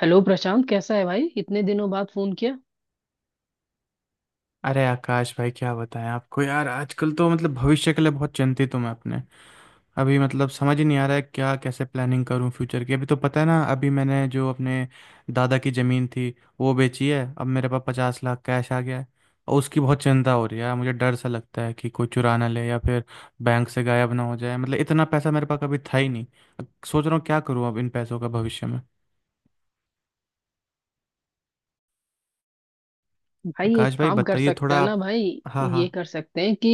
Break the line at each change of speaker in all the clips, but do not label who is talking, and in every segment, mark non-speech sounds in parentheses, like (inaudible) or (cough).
Hello Prashant, कैसा है भाई? इतने दिनों बाद फोन किया।
अरे आकाश भाई, क्या बताएं आपको यार। आजकल तो मतलब भविष्य के लिए बहुत चिंतित हूँ मैं अपने। अभी मतलब समझ ही नहीं आ रहा है क्या, कैसे प्लानिंग करूँ फ्यूचर की। अभी तो पता है ना, अभी मैंने जो अपने दादा की ज़मीन थी वो बेची है, अब मेरे पास 50 लाख कैश आ गया है। और उसकी बहुत चिंता हो रही है यार, मुझे डर सा लगता है कि कोई चुरा ना ले या फिर बैंक से गायब ना हो जाए। मतलब इतना पैसा मेरे पास कभी था ही नहीं। अब सोच रहा हूँ क्या करूँ अब इन पैसों का भविष्य में।
भाई एक
आकाश भाई
काम कर
बताइए
सकते
थोड़ा
हैं ना
आप।
भाई।
हाँ
ये
हाँ।
कर सकते हैं कि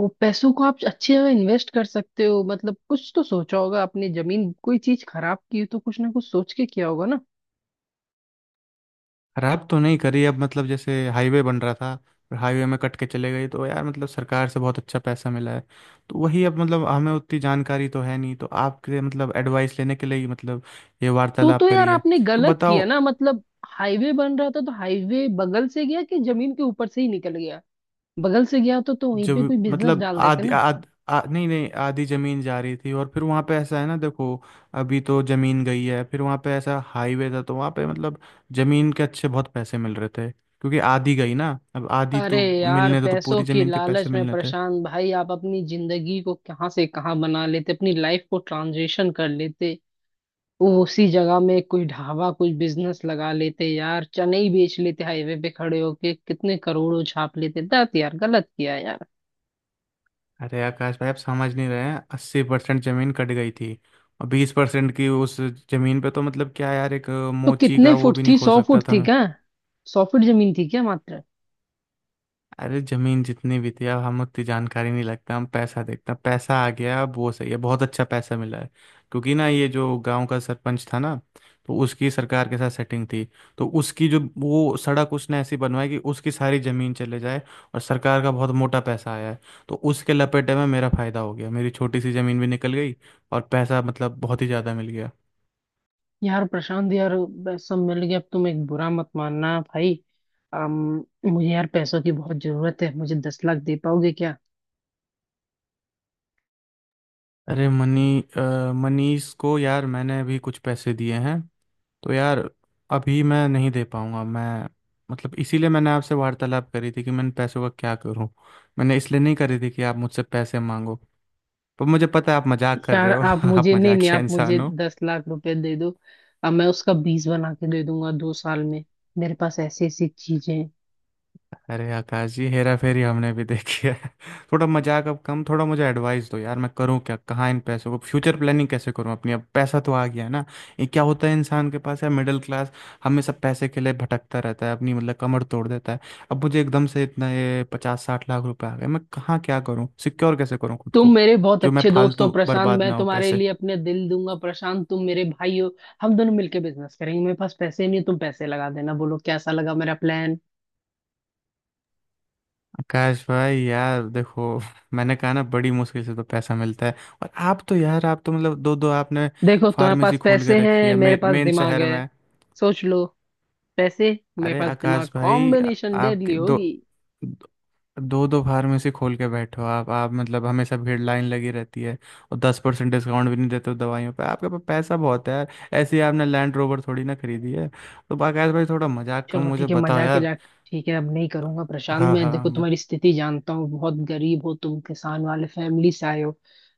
वो पैसों को आप अच्छी जगह इन्वेस्ट कर सकते हो। मतलब कुछ तो सोचा होगा आपने, जमीन कोई चीज खराब की हो तो कुछ ना कुछ सोच के किया होगा ना।
रैप तो नहीं करी अब, मतलब जैसे हाईवे बन रहा था और हाईवे में कट के चले गई। तो यार मतलब सरकार से बहुत अच्छा पैसा मिला है। तो वही अब, मतलब हमें उतनी जानकारी तो है नहीं तो आपके मतलब एडवाइस लेने के लिए ही मतलब ये
तो
वार्तालाप
तो यार
करी है।
आपने
तो
गलत
बताओ।
किया ना। मतलब हाईवे बन रहा था तो हाईवे बगल से गया कि जमीन के ऊपर से ही निकल गया। बगल से गया तो वहीं पे
जब
कोई बिजनेस
मतलब
डाल देते ना।
नहीं नहीं, आधी ज़मीन जा रही थी और फिर वहाँ पे ऐसा है ना। देखो, अभी तो ज़मीन गई है, फिर वहाँ पे ऐसा हाईवे था तो वहाँ पे मतलब ज़मीन के अच्छे बहुत पैसे मिल रहे थे क्योंकि आधी गई ना। अब आधी
अरे
तो
यार
मिलने थे तो
पैसों
पूरी
की
ज़मीन के पैसे
लालच में
मिलने थे।
परेशान भाई, आप अपनी जिंदगी को कहाँ से कहाँ बना लेते, अपनी लाइफ को ट्रांजिशन कर लेते। वो उसी जगह में कोई ढाबा कोई बिजनेस लगा लेते यार, चने ही बेच लेते हाईवे पे खड़े होके, कितने करोड़ों छाप लेते। दत यार गलत किया यार।
अरे आकाश भाई, आप समझ नहीं रहे हैं, 80% जमीन कट गई थी, और 20% की उस जमीन पे तो मतलब क्या यार, एक
तो
मोची
कितने
का वो
फुट
भी नहीं
थी,
खोल
सौ
सकता
फुट
था।
थी क्या? सौ फुट जमीन थी क्या मात्र?
अरे जमीन जितनी भी थी, अब हम उतनी जानकारी नहीं लगता, हम पैसा देखते हैं, पैसा आ गया अब वो सही है, बहुत अच्छा पैसा मिला है। क्योंकि ना ये जो गांव का सरपंच था ना, तो उसकी सरकार के साथ सेटिंग थी, तो उसकी जो वो सड़क उसने ऐसी बनवाई कि उसकी सारी जमीन चले जाए, और सरकार का बहुत मोटा पैसा आया है। तो उसके लपेटे में मेरा फायदा हो गया, मेरी छोटी सी जमीन भी निकल गई और पैसा मतलब बहुत ही ज़्यादा मिल गया।
यार प्रशांत यार, बस सब मिल गया। अब तुम, एक बुरा मत मानना भाई, मुझे यार पैसों की बहुत जरूरत है, मुझे 10 लाख दे पाओगे क्या?
अरे मनीष को यार मैंने अभी कुछ पैसे दिए हैं। तो यार अभी मैं नहीं दे पाऊंगा मैं। मतलब इसीलिए मैंने आपसे वार्तालाप करी थी कि मैं इन पैसों का क्या करूं। मैंने इसलिए नहीं करी थी कि आप मुझसे पैसे मांगो। पर मुझे पता है आप मजाक कर
यार
रहे हो।
आप
(laughs) आप
मुझे, नहीं नहीं,
मजाकिया
आप मुझे
इंसान हो।
10 लाख रुपए दे दो। अब मैं उसका 20 बना के दे दूंगा 2 साल में। मेरे पास ऐसी ऐसी चीजें हैं।
अरे आकाश जी, हेरा फेरी हमने भी देखी है। (laughs) थोड़ा मजाक अब कम, थोड़ा मुझे एडवाइस दो यार। मैं करूँ क्या, कहाँ इन पैसों को, फ्यूचर प्लानिंग कैसे करूँ अपनी? अब पैसा तो आ गया है ना। ये क्या होता है, इंसान के पास है मिडिल क्लास, हमेशा पैसे के लिए भटकता रहता है, अपनी मतलब कमर तोड़ देता है। अब मुझे एकदम से इतना ये 50-60 लाख रुपए आ गए, मैं कहाँ क्या करूँ, सिक्योर कैसे करूँ खुद
तुम
को,
मेरे बहुत
जो मैं
अच्छे दोस्त हो
फालतू
प्रशांत,
बर्बाद
मैं
ना हो
तुम्हारे
पैसे।
लिए अपने दिल दूंगा प्रशांत, तुम मेरे भाई हो। हम दोनों मिलके बिजनेस करेंगे, मेरे पास पैसे नहीं, तुम पैसे लगा देना। बोलो कैसा लगा मेरा प्लान?
आकाश भाई यार, देखो, मैंने कहा ना बड़ी मुश्किल से तो पैसा मिलता है। और आप तो यार, आप तो मतलब दो दो आपने
देखो तुम्हारे
फार्मेसी
पास
खोल के
पैसे
रखी
हैं,
है
मेरे
मेन
पास
मेन
दिमाग
शहर
है।
में।
सोच लो, पैसे, मेरे
अरे
पास दिमाग,
आकाश भाई
कॉम्बिनेशन डेडली
आपके दो
होगी।
दो दो फार्मेसी खोल के बैठो आप। आप मतलब हमेशा भीड़, लाइन लगी रहती है, और 10% डिस्काउंट भी नहीं देते हो दवाइयों पे। आपके पास पैसा बहुत है यार, ऐसे ही आपने लैंड रोवर थोड़ी ना खरीदी है। तो आकाश भाई थोड़ा मजाक कम,
चलो
मुझे
ठीक है,
बताओ
मजाक
यार।
मजाक। ठीक है अब नहीं करूंगा प्रशांत।
हाँ
मैं देखो
हाँ।
तुम्हारी स्थिति जानता हूँ, बहुत गरीब हो तुम, किसान वाले फैमिली से आए हो।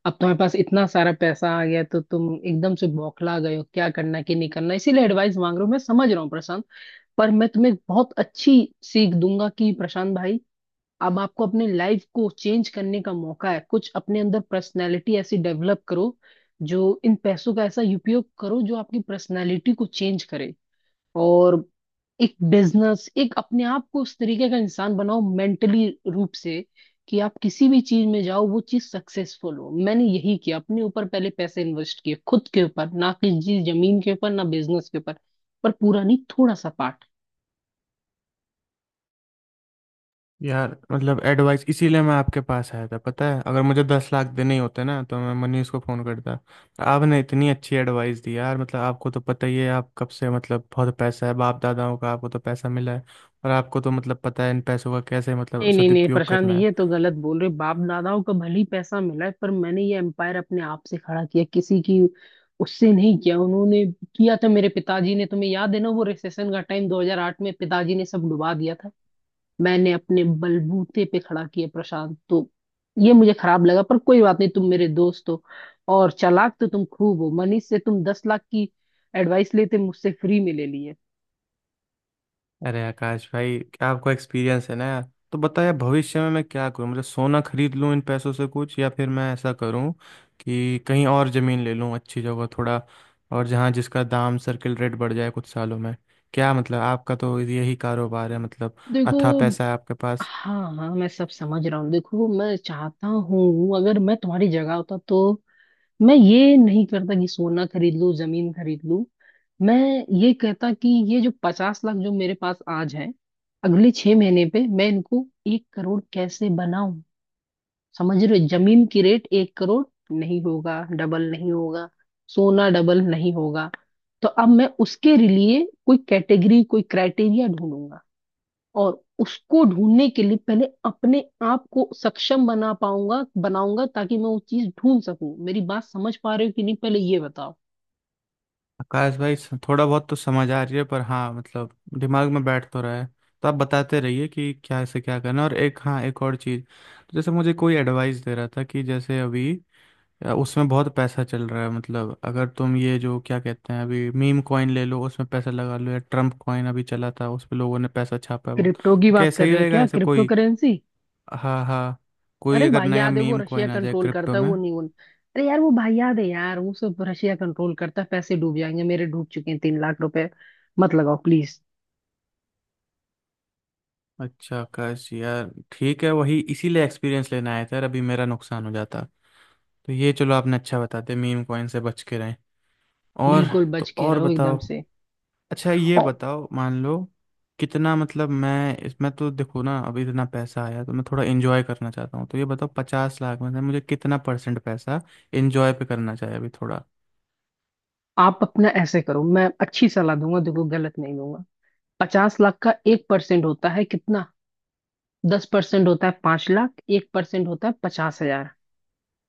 अब तुम्हारे पास इतना सारा पैसा आ गया तो तुम एकदम से बौखला गए हो, क्या करना क्या नहीं करना, इसीलिए एडवाइस मांग रहा हूँ। मैं समझ रहा हूँ प्रशांत। पर मैं तुम्हें बहुत अच्छी सीख दूंगा कि प्रशांत भाई, अब आपको अपने लाइफ को चेंज करने का मौका है। कुछ अपने अंदर पर्सनैलिटी ऐसी डेवलप करो, जो इन पैसों का ऐसा उपयोग करो जो आपकी पर्सनैलिटी को चेंज करे। और एक बिजनेस, एक, अपने आप को उस तरीके का इंसान बनाओ मेंटली रूप से, कि आप किसी भी चीज में जाओ वो चीज सक्सेसफुल हो। मैंने यही किया, अपने ऊपर पहले पैसे इन्वेस्ट किए, खुद के ऊपर, ना किसी जमीन के ऊपर ना बिजनेस के ऊपर। पर पूरा नहीं, थोड़ा सा पार्ट।
यार मतलब एडवाइस इसीलिए मैं आपके पास आया था, पता है, अगर मुझे 10 लाख देने ही होते ना तो मैं मनीष को फ़ोन करता। आपने इतनी अच्छी एडवाइस दी यार, मतलब आपको तो पता ही है आप कब से मतलब बहुत पैसा है, बाप दादाओं का आपको तो पैसा मिला है, और आपको तो मतलब पता है इन पैसों का कैसे मतलब
नहीं नहीं नहीं
सदुपयोग
प्रशांत,
करना है।
ये तो गलत बोल रहे हो। बाप दादाओं का भले ही पैसा मिला है, पर मैंने ये एम्पायर अपने आप से खड़ा किया, किसी की उससे नहीं किया। उन्होंने किया था मेरे पिताजी ने, तुम्हें याद है ना वो रिसेशन का टाइम 2008 में पिताजी ने सब डुबा दिया था। मैंने अपने बलबूते पे खड़ा किया प्रशांत। तो ये मुझे खराब लगा पर कोई बात नहीं, तुम मेरे दोस्त हो। और चालाक तो तुम खूब हो, मनीष से तुम 10 लाख की एडवाइस लेते, मुझसे फ्री में ले लिए।
अरे आकाश भाई, क्या आपको एक्सपीरियंस है ना यार। तो बताया, भविष्य में मैं क्या करूं, मतलब सोना खरीद लूं इन पैसों से कुछ, या फिर मैं ऐसा करूं कि कहीं और ज़मीन ले लूं अच्छी जगह थोड़ा, और जहां जिसका दाम सर्किल रेट बढ़ जाए कुछ सालों में। क्या मतलब आपका तो यही कारोबार है मतलब,
देखो,
अथाह पैसा है आपके पास।
हाँ हाँ मैं सब समझ रहा हूँ। देखो मैं चाहता हूँ, अगर मैं तुम्हारी जगह होता तो मैं ये नहीं करता कि सोना खरीद लूँ जमीन खरीद लूँ। मैं ये कहता कि ये जो 50 लाख जो मेरे पास आज है, अगले 6 महीने पे मैं इनको 1 करोड़ कैसे बनाऊं। समझ रहे हो? जमीन की रेट 1 करोड़ नहीं होगा, डबल नहीं होगा, सोना डबल नहीं होगा। तो अब मैं उसके लिए कोई कैटेगरी, कोई क्राइटेरिया ढूंढूंगा। और उसको ढूंढने के लिए पहले अपने आप को सक्षम बना पाऊंगा, बनाऊंगा, ताकि मैं वो चीज ढूंढ सकूं। मेरी बात समझ पा रहे हो कि नहीं, पहले ये बताओ।
आकाश भाई, थोड़ा बहुत तो समझ आ रही है, पर हाँ मतलब दिमाग में बैठ तो रहा है। तो आप बताते रहिए कि क्या से क्या करना। और एक, हाँ, एक और चीज़, जैसे मुझे कोई एडवाइस दे रहा था कि जैसे अभी, या उसमें बहुत पैसा चल रहा है, मतलब अगर तुम ये जो क्या कहते हैं, अभी मीम कॉइन ले लो, उसमें पैसा लगा लो, या ट्रम्प कॉइन अभी चला था उस पे लोगों ने पैसा छापा है बहुत,
क्रिप्टो की बात
कैसा
कर
ही
रहे हो
रहेगा
क्या,
ऐसा
क्रिप्टो
कोई?
करेंसी?
हाँ हाँ, कोई
अरे
अगर
भाई
नया
याद है, वो
मीम
रशिया
कॉइन आ जाए
कंट्रोल
क्रिप्टो
करता है,
में।
वो नहीं उन, अरे यार वो भाई याद है यार, वो सब रशिया कंट्रोल करता है, पैसे डूब जाएंगे। मेरे डूब चुके हैं 3 लाख रुपए, मत लगाओ प्लीज।
अच्छा आकाश यार ठीक है, वही इसीलिए एक्सपीरियंस लेना आया था यार, अभी मेरा नुकसान हो जाता। तो ये चलो, आपने अच्छा बता दिया, मीम कॉइन से बच के रहें। और
बिल्कुल बच
तो
के
और
रहो एकदम
बताओ।
से।
अच्छा ये
और
बताओ, मान लो कितना मतलब मैं इसमें, तो देखो ना अभी इतना पैसा आया तो मैं थोड़ा एंजॉय करना चाहता हूँ। तो ये बताओ, 50 लाख में से मुझे कितना परसेंट पैसा एंजॉय पे करना चाहिए अभी थोड़ा?
आप अपना ऐसे करो, मैं अच्छी सलाह दूंगा, देखो गलत नहीं दूंगा। पचास लाख का 1% होता है कितना? 10% होता है 5 लाख, 1% होता है 50,000।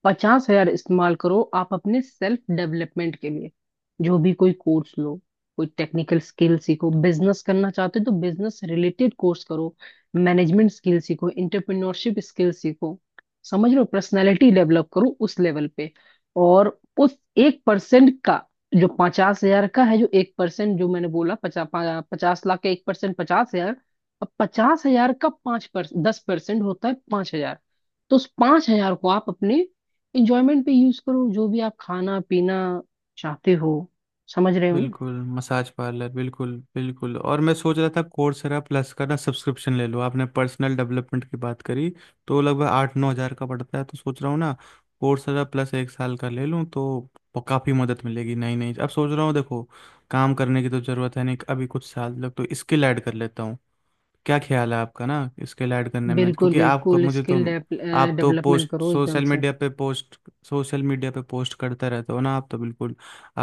पचास हजार इस्तेमाल करो आप अपने सेल्फ डेवलपमेंट के लिए। जो भी कोई कोर्स लो, कोई टेक्निकल स्किल सीखो, बिजनेस करना चाहते हो तो बिजनेस रिलेटेड कोर्स करो, मैनेजमेंट स्किल सीखो, इंटरप्रेन्योरशिप स्किल सीखो, समझ लो, पर्सनैलिटी डेवलप करो उस लेवल पे। और उस 1% का, जो 50,000 का है, जो 1% जो मैंने बोला, पचास लाख का एक परसेंट 50,000। अब 50,000 का 5%, 10% होता है 5,000। तो उस 5,000 को आप अपने इंजॉयमेंट पे यूज करो, जो भी आप खाना पीना चाहते हो। समझ रहे हो ना?
बिल्कुल मसाज पार्लर, बिल्कुल बिल्कुल। और मैं सोच रहा था कोर्सेरा प्लस का ना सब्सक्रिप्शन ले लो, आपने पर्सनल डेवलपमेंट की बात करी तो लगभग 8-9 हज़ार का पड़ता है। तो सोच रहा हूँ ना कोर्सेरा प्लस एक साल का ले लूँ तो काफ़ी मदद मिलेगी। नहीं नहीं, अब सोच रहा हूँ, देखो, काम करने की तो ज़रूरत है नहीं, अभी कुछ साल तक तो स्किल ऐड कर लेता हूँ। क्या ख्याल है आपका ना इसके ऐड करने में?
बिल्कुल
क्योंकि आपको,
बिल्कुल
मुझे तो,
स्किल
आप तो
डेवलपमेंट
पोस्ट
करो एकदम
सोशल
से।
मीडिया पे पोस्ट, सोशल मीडिया पे पोस्ट करते रहते हो ना आप तो, बिल्कुल।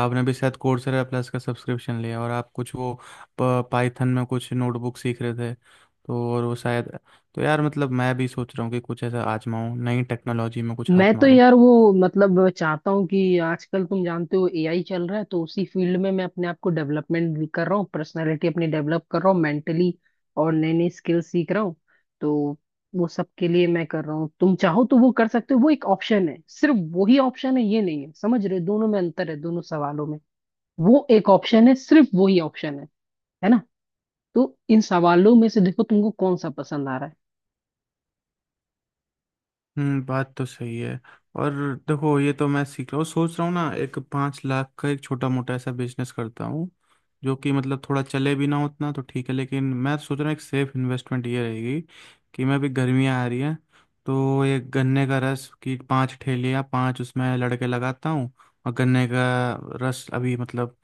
आपने भी शायद कोर्सेरा प्लस का सब्सक्रिप्शन लिया, और आप कुछ वो पाइथन में कुछ नोटबुक सीख रहे थे तो, और वो शायद, तो यार मतलब मैं भी सोच रहा हूँ कि कुछ ऐसा आजमाऊँ नई टेक्नोलॉजी में कुछ
मैं
हाथ
तो
मारूं।
यार वो मतलब चाहता हूँ कि आजकल तुम जानते हो AI चल रहा है, तो उसी फील्ड में मैं अपने आप को डेवलपमेंट भी कर रहा हूँ, पर्सनालिटी अपनी डेवलप कर रहा हूँ मेंटली, और नई नई स्किल सीख रहा हूँ। तो वो सब के लिए मैं कर रहा हूँ, तुम चाहो तो वो कर सकते हो। वो एक ऑप्शन है, सिर्फ वही ऑप्शन है ये नहीं है, समझ रहे हो, दोनों में अंतर है दोनों सवालों में। वो एक ऑप्शन है, सिर्फ वही ऑप्शन है ना? तो इन सवालों में से देखो तुमको कौन सा पसंद आ रहा है।
बात तो सही है। और देखो, ये तो मैं सीख रहा हूँ, सोच रहा हूँ ना एक 5 लाख का एक छोटा मोटा ऐसा बिजनेस करता हूँ, जो कि मतलब थोड़ा चले भी ना उतना तो ठीक है। लेकिन मैं सोच रहा हूँ एक सेफ इन्वेस्टमेंट ये रहेगी कि मैं, अभी गर्मियाँ आ रही हैं, तो ये गन्ने का रस की 5 ठेलियाँ, 5 उसमें लड़के लगाता हूँ, और गन्ने का रस अभी मतलब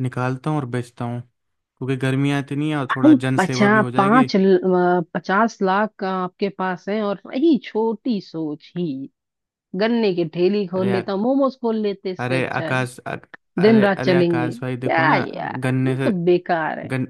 निकालता हूँ और बेचता हूँ, क्योंकि गर्मियाँ इतनी है, और
भाई
थोड़ा जनसेवा भी
पचास,
हो जाएगी।
50 लाख आपके पास है और वही छोटी सोच ही? गन्ने की ठेली
अरे
खोल
यार,
लेता, मोमोज खोल लेते इससे
अरे
अच्छा है।
आकाश अर-
दिन
अरे
रात
अरे
चलेंगे
आकाश भाई,
क्या
देखो ना
यार,
गन्ने
ये
से,
सब बेकार है।
गन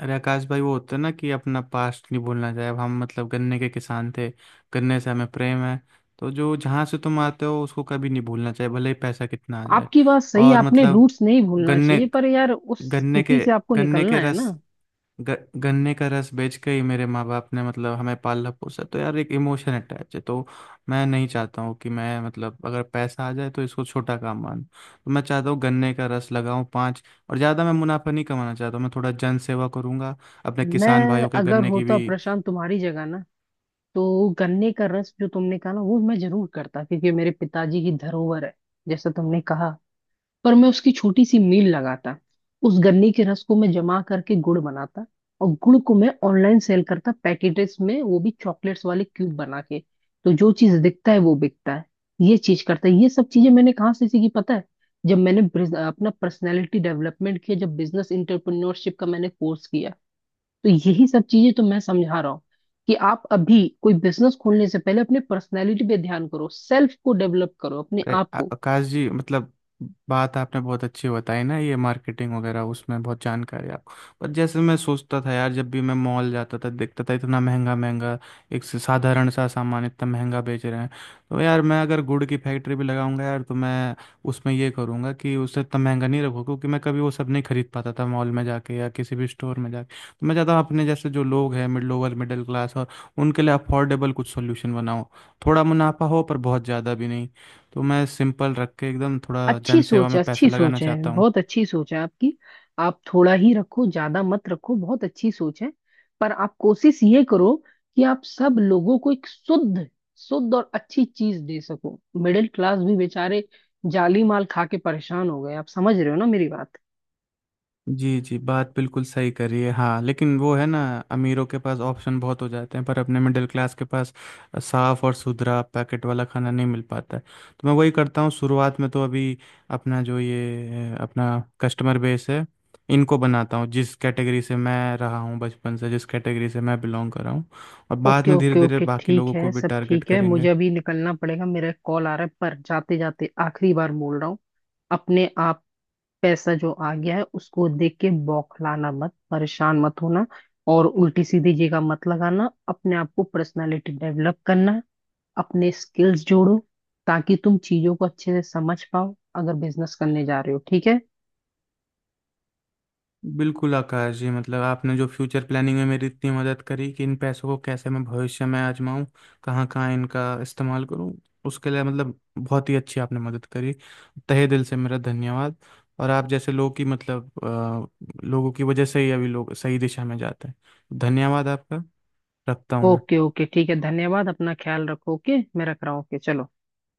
अरे आकाश भाई, वो होता है ना कि अपना पास्ट नहीं भूलना चाहिए। अब हम मतलब गन्ने के किसान थे, गन्ने से हमें प्रेम है। तो जो, जहाँ से तुम आते हो उसको कभी नहीं भूलना चाहिए भले ही पैसा कितना आ जाए।
आपकी बात सही,
और
आपने
मतलब
रूट्स नहीं भूलना
गन्ने
चाहिए, पर यार उस
गन्ने
स्थिति
के
से आपको
गन्ने
निकलना
के
है ना।
रस ग, गन्ने का रस बेच के ही मेरे माँ बाप ने मतलब हमें पाला पोसा, तो यार एक इमोशन अटैच है। तो मैं नहीं चाहता हूँ कि मैं मतलब अगर पैसा आ जाए तो इसको छोटा काम मान, तो मैं चाहता हूँ गन्ने का रस लगाऊं पाँच, और ज़्यादा मैं मुनाफा नहीं कमाना चाहता हूँ, मैं थोड़ा जन सेवा करूंगा अपने किसान
मैं
भाइयों के,
अगर
गन्ने की
होता
भी।
प्रशांत तुम्हारी जगह ना, तो गन्ने का रस जो तुमने कहा ना, वो मैं जरूर करता क्योंकि ये मेरे पिताजी की धरोहर है, जैसा तुमने कहा। पर मैं उसकी छोटी सी मिल लगाता, उस गन्ने के रस को मैं जमा करके गुड़ बनाता, और गुड़ को मैं ऑनलाइन सेल करता पैकेटेस में, वो भी चॉकलेट्स वाले क्यूब बना के। तो जो चीज दिखता है वो बिकता है, ये चीज करता है। ये सब चीजें मैंने कहाँ से सीखी पता है? जब मैंने अपना पर्सनैलिटी डेवलपमेंट किया, जब बिजनेस इंटरप्रेन्योरशिप का मैंने कोर्स किया। तो यही सब चीजें तो मैं समझा रहा हूँ, कि आप अभी कोई बिजनेस खोलने से पहले अपने पर्सनैलिटी पे ध्यान करो, सेल्फ को डेवलप करो अपने
अरे
आप को।
आकाश जी, मतलब बात आपने बहुत अच्छी बताई ना, ये मार्केटिंग वगैरह उसमें बहुत जानकारी है आपको। पर जैसे मैं सोचता था यार, जब भी मैं मॉल जाता था देखता था इतना महंगा महंगा, एक से साधारण सा सामान इतना महंगा बेच रहे हैं। तो यार मैं अगर गुड़ की फैक्ट्री भी लगाऊंगा यार, तो मैं उसमें ये करूंगा कि उसे इतना महंगा नहीं रखूँ, क्योंकि मैं कभी वो सब नहीं खरीद पाता था मॉल में जाके या किसी भी स्टोर में जाके। तो मैं चाहता हूँ अपने जैसे जो लोग हैं, मिड लोअर मिडिल क्लास, और उनके लिए अफोर्डेबल कुछ सोल्यूशन बनाऊँ, थोड़ा मुनाफा हो पर बहुत ज़्यादा भी नहीं। तो मैं सिंपल रख के एकदम थोड़ा
अच्छी
जनसेवा
सोच
में
है, अच्छी
पैसा लगाना
सोच है,
चाहता हूँ।
बहुत अच्छी सोच है आपकी। आप थोड़ा ही रखो, ज्यादा मत रखो, बहुत अच्छी सोच है। पर आप कोशिश ये करो कि आप सब लोगों को एक शुद्ध, शुद्ध और अच्छी चीज दे सको। मिडिल क्लास भी बेचारे जाली माल खा के परेशान हो गए। आप समझ रहे हो ना मेरी बात?
जी जी, बात बिल्कुल सही करी है। हाँ लेकिन वो है ना, अमीरों के पास ऑप्शन बहुत हो जाते हैं, पर अपने मिडिल क्लास के पास साफ और सुथरा पैकेट वाला खाना नहीं मिल पाता है। तो मैं वही करता हूँ शुरुआत में, तो अभी अपना जो ये अपना कस्टमर बेस है इनको बनाता हूँ, जिस कैटेगरी से मैं रहा हूँ बचपन से, जिस कैटेगरी से मैं बिलोंग कर रहा हूँ, और बाद
ओके
में धीरे
ओके
धीरे
ओके,
बाकी
ठीक
लोगों को
है,
भी
सब
टारगेट
ठीक है, मुझे
करेंगे।
अभी निकलना पड़ेगा, मेरा एक कॉल आ रहा है। पर जाते जाते आखिरी बार बोल रहा हूँ, अपने आप, पैसा जो आ गया है उसको देख के बौखलाना मत, परेशान मत होना, और उल्टी सीधी जगह मत लगाना। अपने आप को पर्सनालिटी डेवलप करना, अपने स्किल्स जोड़ो, ताकि तुम चीजों को अच्छे से समझ पाओ, अगर बिजनेस करने जा रहे हो। ठीक है?
बिल्कुल आकाश जी, मतलब आपने जो फ्यूचर प्लानिंग में मेरी इतनी मदद करी कि इन पैसों को कैसे मैं भविष्य में आजमाऊं, कहाँ कहाँ इनका इस्तेमाल करूं, उसके लिए मतलब बहुत ही अच्छी आपने मदद करी। तहे दिल से मेरा धन्यवाद। और आप जैसे लोग की मतलब लोगों की वजह से ही अभी लोग सही दिशा में जाते हैं। धन्यवाद आपका। रखता हूँ
ओके
मैं।
ओके, ठीक है, धन्यवाद, अपना ख्याल रखो, ओके, मैं रख रहा हूँ, ओके चलो।